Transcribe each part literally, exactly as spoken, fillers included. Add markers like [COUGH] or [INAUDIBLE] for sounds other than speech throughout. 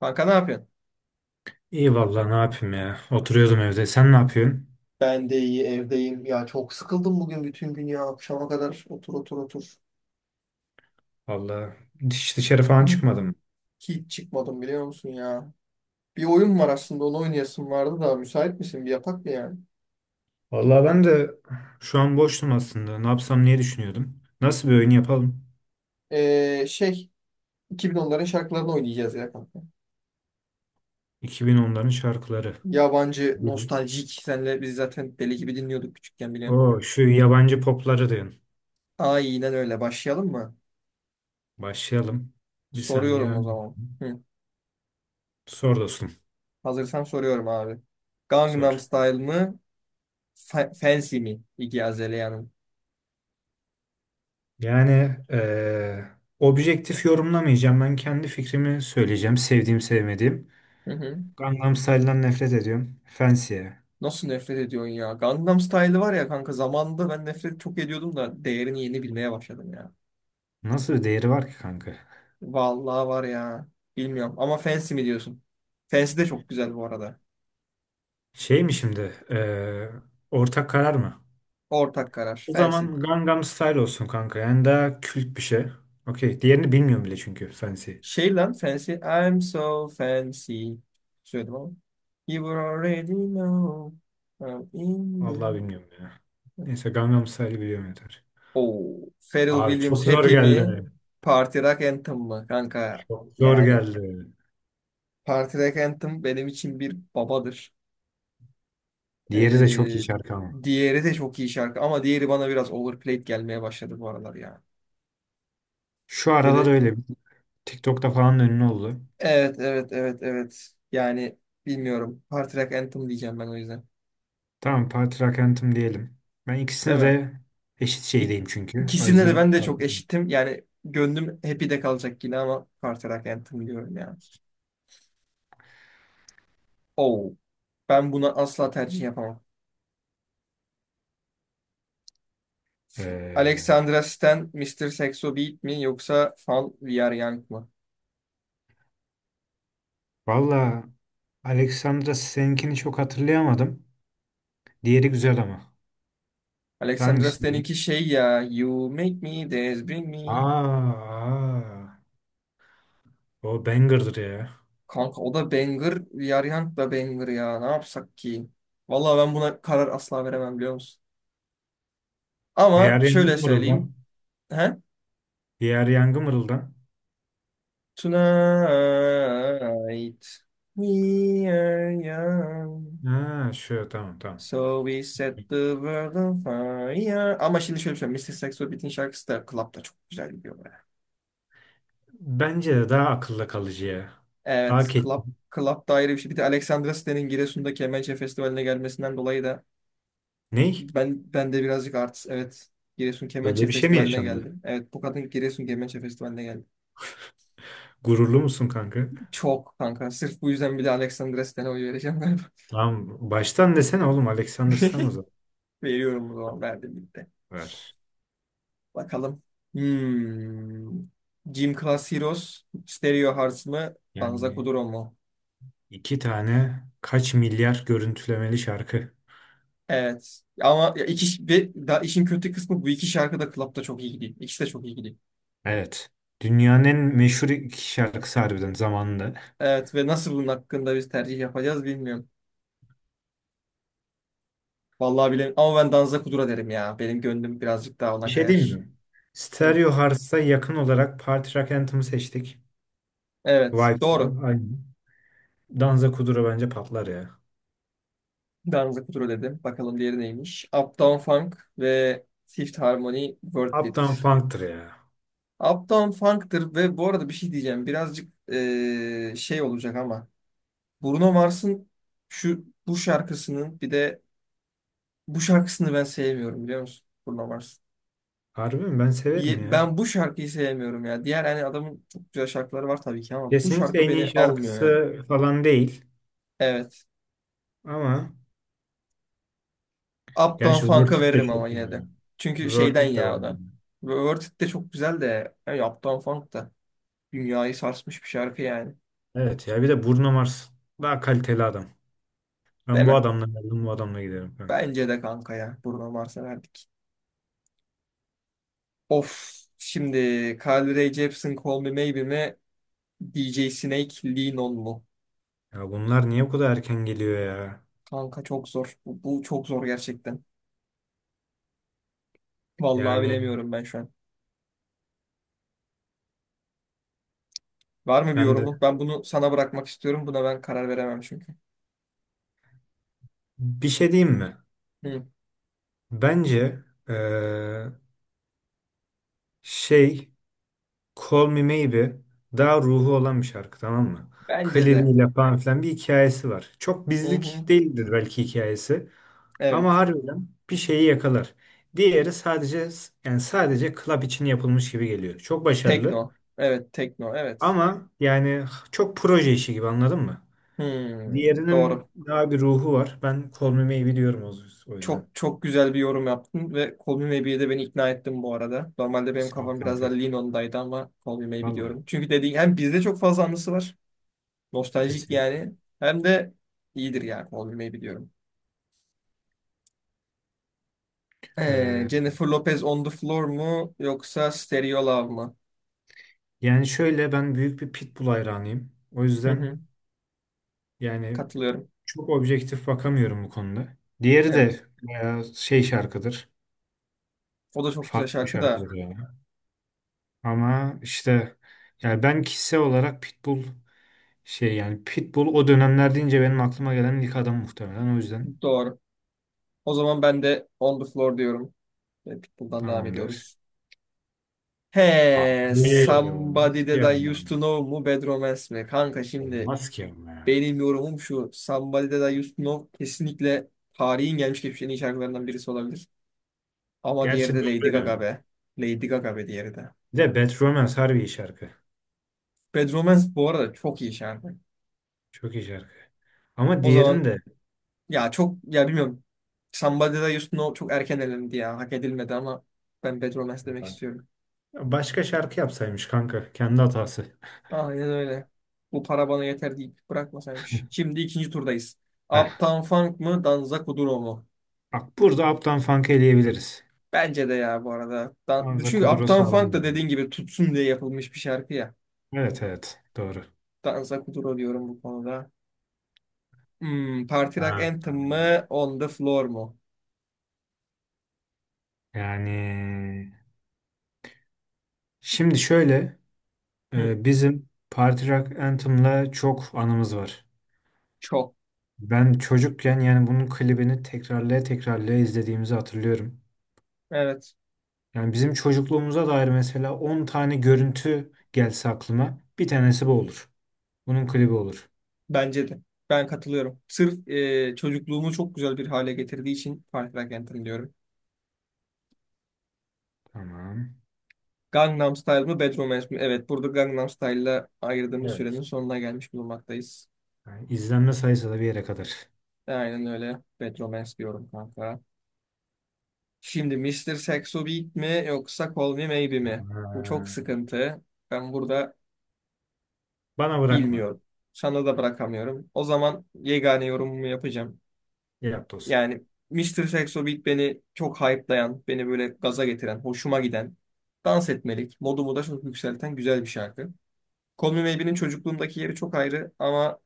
Kanka ne yapıyorsun? İyi vallahi ne yapayım ya. Oturuyordum evde. Sen ne yapıyorsun? Ben de iyi evdeyim. Ya çok sıkıldım bugün bütün gün ya. Akşama kadar otur otur otur. Vallahi hiç dışarı falan [CLEARS THROAT] çıkmadım. Hiç çıkmadım biliyor musun ya. Bir oyun var aslında onu oynayasım vardı da müsait misin? Bir yapak mı yani? Vallahi ben de şu an boştum aslında. Ne yapsam niye düşünüyordum. Nasıl bir oyun yapalım? Ee, şey iki bin onların şarkılarını oynayacağız ya kanka. İki bin onların şarkıları. Yabancı, [LAUGHS] nostaljik. Senle biz zaten deli gibi dinliyorduk küçükken biliyorum. O şu yabancı popları diyorsun. Aynen öyle. Başlayalım mı? Başlayalım. Bir saniye Soruyorum o ben. zaman. Hı. Sor dostum. Hazırsan soruyorum abi. Sor. Gangnam Style mı? Fa- Fancy mi? İggy Azalea'nın. Yani eee, Objektif yorumlamayacağım. Ben kendi fikrimi söyleyeceğim. Sevdiğim sevmediğim. Hı hı. Gangnam Style'dan nefret ediyorum. Fancy'ye. Nasıl nefret ediyorsun ya? Gangnam Style var ya kanka, zamanında ben nefret çok ediyordum da değerini yeni bilmeye başladım ya. Nasıl bir değeri var ki kanka? Vallahi var ya. Bilmiyorum ama Fancy mi diyorsun? Fancy de çok güzel bu arada. Şey mi şimdi? Eee ortak karar mı? Ortak karar. O Fancy. zaman Gangnam Style olsun kanka. Yani daha kült bir şey. Okey. Diğerini bilmiyorum bile çünkü. Fancy. Şey lan Fancy. I'm so fancy. Söyledim ama. You already know. I'm in the... Vallahi bilmiyorum ya. Neyse Gangnam Style'ı biliyorum yeter. Oo. Pharrell Abi Williams çok zor Happy mi? geldi. Party Rock Anthem mı? Kanka Çok zor yani geldi. Party Rock Anthem benim için bir babadır. Diğeri de çok Ee, iyi şarkı ama. diğeri de çok iyi şarkı ama diğeri bana biraz overplayed gelmeye başladı bu aralar ya. Şu aralar Böyle öyle. TikTok'ta falan ünlü oldu. evet evet evet evet. Yani bilmiyorum. Party Rock Anthem diyeceğim ben o yüzden. Tamam Party Rock Anthem diyelim. Ben Değil ikisine mi? de eşit İk- şeydeyim çünkü. O İkisinde de yüzden ben de çok eşitim. Yani gönlüm Happy'de kalacak yine ama Party Rock Anthem diyorum ya. Oh. Ben buna asla tercih yapamam. eee Alexandra Stan, Mister Saxo Beat mi yoksa Fall We Are Young mı? valla Alexandra seninkini çok hatırlayamadım. Diğeri güzel ama. Alexandra Hangisi diyor? Stan'inki şey ya, You make me dance, bring me. Aa, o banger'dır ya. Kanka, o da banger, Yaryant da banger ya. Ne yapsak ki? Vallahi ben buna karar asla veremem biliyor musun? Ama Diğer yangı şöyle söyleyeyim. mırıldan. He? Diğer yangı mırıldan. Tonight we are young. Ha, şu tamam tamam. So we set the world on fire. Ama şimdi şöyle söyleyeyim. Mister Saxo Beat'in şarkısı da Club'da çok güzel gidiyor be. Bence de daha akılla kalıcı ya. Daha Evet, ke... Club, Club da ayrı bir şey. Bir de Alexandra Stan'in Giresun'daki Kemençe Festivali'ne gelmesinden dolayı da Ney? Ben ben de birazcık artist. Evet. Giresun Kemençe Öyle bir şey mi Festivali'ne yaşandı? geldim. Evet, bu kadın Giresun Kemençe Festivali'ne geldi. Gururlu musun kanka? Çok kanka. Sırf bu yüzden bile Alexandra Sten'e oy vereceğim galiba. Tamam. Baştan desene oğlum Alexander sen o [LAUGHS] zaman. Veriyorum o zaman. Verdim gitti. Ver. Bakalım. Hmm. Gym Class Heroes, Stereo Hearts mı? Danza Yani Kuduro mu? iki tane kaç milyar görüntülemeli şarkı. Evet. Ama ya iki, ve da işin kötü kısmı, bu iki şarkı da Club'da çok iyi gidiyor. İkisi de çok iyi gidiyor. Evet. Dünyanın en meşhur iki şarkısı harbiden zamanında. Evet ve nasıl bunun hakkında biz tercih yapacağız bilmiyorum. Vallahi bilmiyorum ama ben Danza Kudura derim ya. Benim gönlüm birazcık daha Bir ona şey diyeyim kayar. mi? Hı. Stereo Hearts'a yakın olarak Party Rock Anthem'ı seçtik. Evet, Vibes al, doğru. aynı. Danza Kuduro bence patlar ya. Danza Kudura dedim. Bakalım diğeri neymiş? Uptown Funk ve Fifth Harmony Worth Uptown It. Funk'tır ya. Uptown Funk'tır ve bu arada bir şey diyeceğim. Birazcık eee, şey olacak ama. Bruno Mars'ın şu bu şarkısının bir de bu şarkısını ben sevmiyorum biliyor musun? Bruno Mars. Harbi mi? Ben Ye- severim ya. Ben bu şarkıyı sevmiyorum ya. Diğer hani adamın çok güzel şarkıları var tabii ki ama bu Kesinlikle şarkı en iyi beni almıyor ya. şarkısı falan değil. Evet. Ama Uptown gerçi Funk'a Worth It de veririm ama çok iyi yine de. ya. Çünkü Worth şeyden It de ya var o da. yani. Ve Worth It de çok güzel de. Yani Uptown Funk da. Dünyayı sarsmış bir şarkı yani. Evet ya bir de Bruno Mars. Daha kaliteli adam. Ben bu Demem. adamla geldim bu adamla giderim kanka. Bence de kanka ya. Bruno Mars'a verdik. Of. Şimdi Carly Rae Jepsen Call Me Maybe mi? D J Snake Lean On mu? Ya bunlar niye bu kadar erken geliyor ya? Kanka çok zor. Bu, bu çok zor gerçekten. Vallahi Yani bilemiyorum ben şu an. Var mı bir ben yorumun? de Ben bunu sana bırakmak istiyorum. Buna ben karar veremem çünkü. bir şey diyeyim mi? Hı. Bence eee, şey Call Me Maybe daha ruhu olan bir şarkı tamam mı? Bence de. Klibiyle falan filan bir hikayesi var. Çok Hı hı. bizlik değildir belki hikayesi ama Evet. harbiden bir şeyi yakalar. Diğeri sadece yani sadece club için yapılmış gibi geliyor. Çok başarılı Tekno. Evet, tekno. Evet. ama yani çok proje işi gibi anladın mı? Hmm, Diğerinin doğru. daha bir ruhu var. Ben Call Me Maybe diyorum o o Çok yüzden. çok güzel bir yorum yaptın ve Call Me Maybe'ye de beni ikna ettin bu arada. Normalde benim Sağ ol kafam biraz daha kanka. Lean On'daydı ama Call Me Maybe Vallahi diyorum. Çünkü dediğin, hem bizde çok fazla anısı var. Nostaljik kesinlikle. yani. Hem de iyidir ya, Call Me Maybe diyorum. Ee, Ee, Jennifer Lopez On The Floor mu yoksa Stereo Love mı? Yani şöyle ben büyük bir pitbull hayranıyım. O Hı yüzden hı, yani katılıyorum. çok objektif bakamıyorum bu konuda. Diğeri Evet. de bayağı şey şarkıdır. O da çok güzel Farklı bir şarkı da. şarkıdır yani. Ama işte yani ben kişisel olarak pitbull şey yani pitbull o dönemler deyince benim aklıma gelen ilk adam muhtemelen. O yüzden Doğru. O zaman ben de On The Floor diyorum. Ve Pitbull'dan devam tamamdır. ediyoruz. He, Abi, Somebody olmaz ki That I ama. Used to Know mu Bad Romance mi? Kanka şimdi Olmaz ki ama ya. benim yorumum şu. Somebody That I Used to Know kesinlikle tarihin gelmiş geçmiş en iyi şarkılarından birisi olabilir. Ama diğeri Gerçi de Lady doğru ya. Gaga be. Lady Gaga be diğeri de. Bir de Bad Romance harbi iyi şarkı. Bad Romance bu arada çok iyi şarkı. Çok iyi şarkı. Ama O zaman diğerini ya çok ya bilmiyorum. Somebody That I Used to Know çok erken elendi ya. Hak edilmedi ama ben Bad Romance demek de istiyorum. Başka şarkı yapsaymış kanka. Kendi hatası. Aynen öyle. Bu para bana yeter deyip bırakmasaymış. Şimdi ikinci turdayız. Heh. Uptown Funk mı, Danza Kuduro mu? Bak burada Uptown Funk'ı eleyebiliriz. Bence de ya bu arada. Dan Hamza Çünkü Kuduro Uptown Funk da sağlamdır. dediğin gibi tutsun diye yapılmış bir şarkı ya. Evet evet doğru. Danza Kuduro diyorum bu konuda. Hmm, Party Rock Ha. Anthem mı, On the Floor mu? Yani şimdi şöyle Hı, e, Bizim Party Rock Anthem'la çok anımız var. çok. Ben çocukken yani bunun klibini tekrarlaya tekrarlaya izlediğimizi hatırlıyorum. Evet. Yani bizim çocukluğumuza dair mesela on tane görüntü gelse aklıma bir tanesi bu olur. Bunun klibi olur. Bence de. Ben katılıyorum. Sırf e, çocukluğumu çok güzel bir hale getirdiği için Party Rock Anthem diyorum. Tamam. Gangnam Style mı, bedroom Romance mi? Evet, burada Gangnam Style'la ayırdığımız sürenin Evet. sonuna gelmiş bulunmaktayız. Yani izlenme sayısı da bir yere kadar. Aynen öyle. Bedroom Romance diyorum kanka. Şimdi mister Saxo Beat mi yoksa Call Me Maybe mi? Bu Ha, çok sıkıntı. Ben burada bana bırakma. bilmiyorum. Sana da bırakamıyorum. O zaman yegane yorumumu yapacağım. Yap dostum. Yani mister Saxo Beat beni çok hype'layan, beni böyle gaza getiren, hoşuma giden, dans etmelik, modumu da çok yükselten güzel bir şarkı. Call Me Maybe'nin çocukluğumdaki yeri çok ayrı ama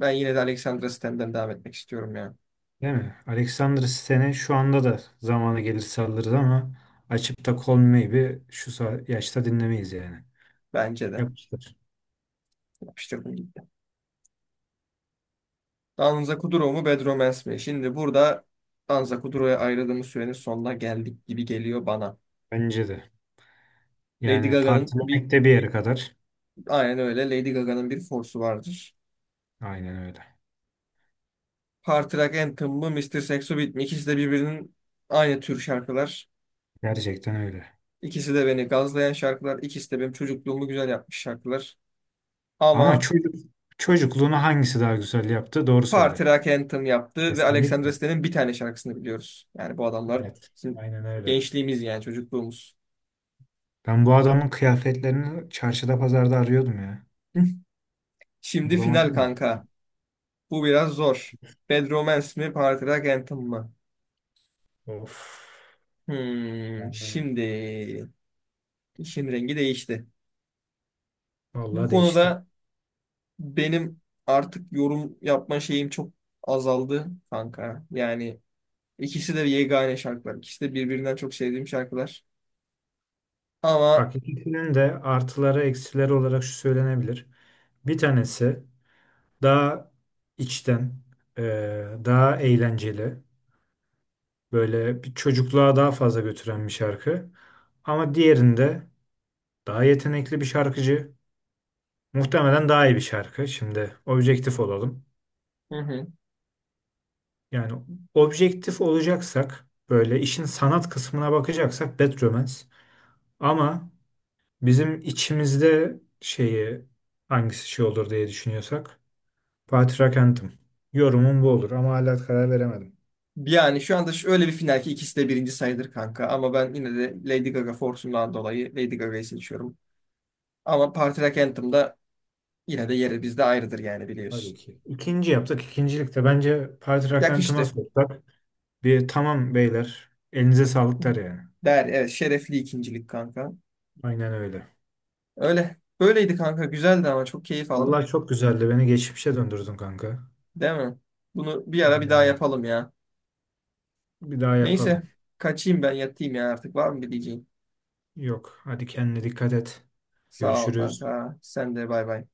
ben yine de Alexandra Stem'den devam etmek istiyorum ya. Değil mi? Alexander Sten'e şu anda da zamanı gelir saldırır ama açıp da Call Me Maybe şu sa- yaşta dinlemeyiz yani. Bence de. Yapıştır. Yapıştırdım gitti. Danza Kuduro mu, Bedromans mi? Şimdi burada Danza Kuduro'ya ayırdığımız sürenin sonuna geldik gibi geliyor bana. Bence de. Lady Yani Gaga'nın bir partilemek de bir yere kadar. aynen öyle, Lady Gaga'nın bir force'u vardır. Aynen öyle. Party Rock Anthem mı, mister Saxo Beat mi? İkisi de birbirinin aynı tür şarkılar. Gerçekten öyle. İkisi de beni gazlayan şarkılar. İkisi de benim çocukluğumu güzel yapmış şarkılar. Ama Ama çocuk, çocukluğunu hangisi daha güzel yaptı? Doğru Party söyle. Rock Anthem yaptı ve Kesinlikle. Alexandra Stan'in bir tane şarkısını biliyoruz. Yani bu adamlar Evet. bizim Aynen öyle. gençliğimiz, yani çocukluğumuz. Ben bu adamın kıyafetlerini çarşıda pazarda arıyordum ya. [LAUGHS] Şimdi final Bulamadım da. kanka. Bu biraz zor. Bad Romance mi, Party Rock Anthem mı? Of. Hmm, Yani şimdi işin rengi değişti. Bu vallahi değişti. konuda benim artık yorum yapma şeyim çok azaldı kanka. Yani ikisi de yegane şarkılar. İkisi de birbirinden çok sevdiğim şarkılar. Ama Bak ikisinin de artıları eksileri olarak şu söylenebilir. Bir tanesi daha içten, e, daha eğlenceli, böyle bir çocukluğa daha fazla götüren bir şarkı. Ama diğerinde daha yetenekli bir şarkıcı, muhtemelen daha iyi bir şarkı. Şimdi objektif olalım. hı hı. Yani objektif olacaksak, böyle işin sanat kısmına bakacaksak Bad Romance. Ama bizim içimizde şeyi hangisi şey olur diye düşünüyorsak Fatih Rakent'im. Yorumum bu olur ama hala karar veremedim. Yani şu anda öyle bir final ki ikisi de birinci sayılır kanka. Ama ben yine de Lady Gaga fortundan dolayı Lady Gaga'yı seçiyorum. Ama Party Rock Anthem da yine de yeri bizde ayrıdır yani, Tabii biliyorsun. ki. İkinci yaptık. İkincilikte bence Fatih Rakent'ıma Yakıştı. sorsak bir tamam beyler elinize sağlık der yani. Der, evet, şerefli ikincilik kanka. Aynen öyle. Öyle. Böyleydi kanka, güzeldi, ama çok keyif aldım. Vallahi çok güzeldi. Beni geçmişe döndürdün kanka. Değil mi? Bunu bir ara bir Aynen daha öyle. yapalım ya. Bir daha Neyse, yapalım. kaçayım ben yatayım ya artık, var mı bir diyeceğin? Yok. Hadi kendine dikkat et. Sağ ol Görüşürüz. kanka. Sen de bay bay.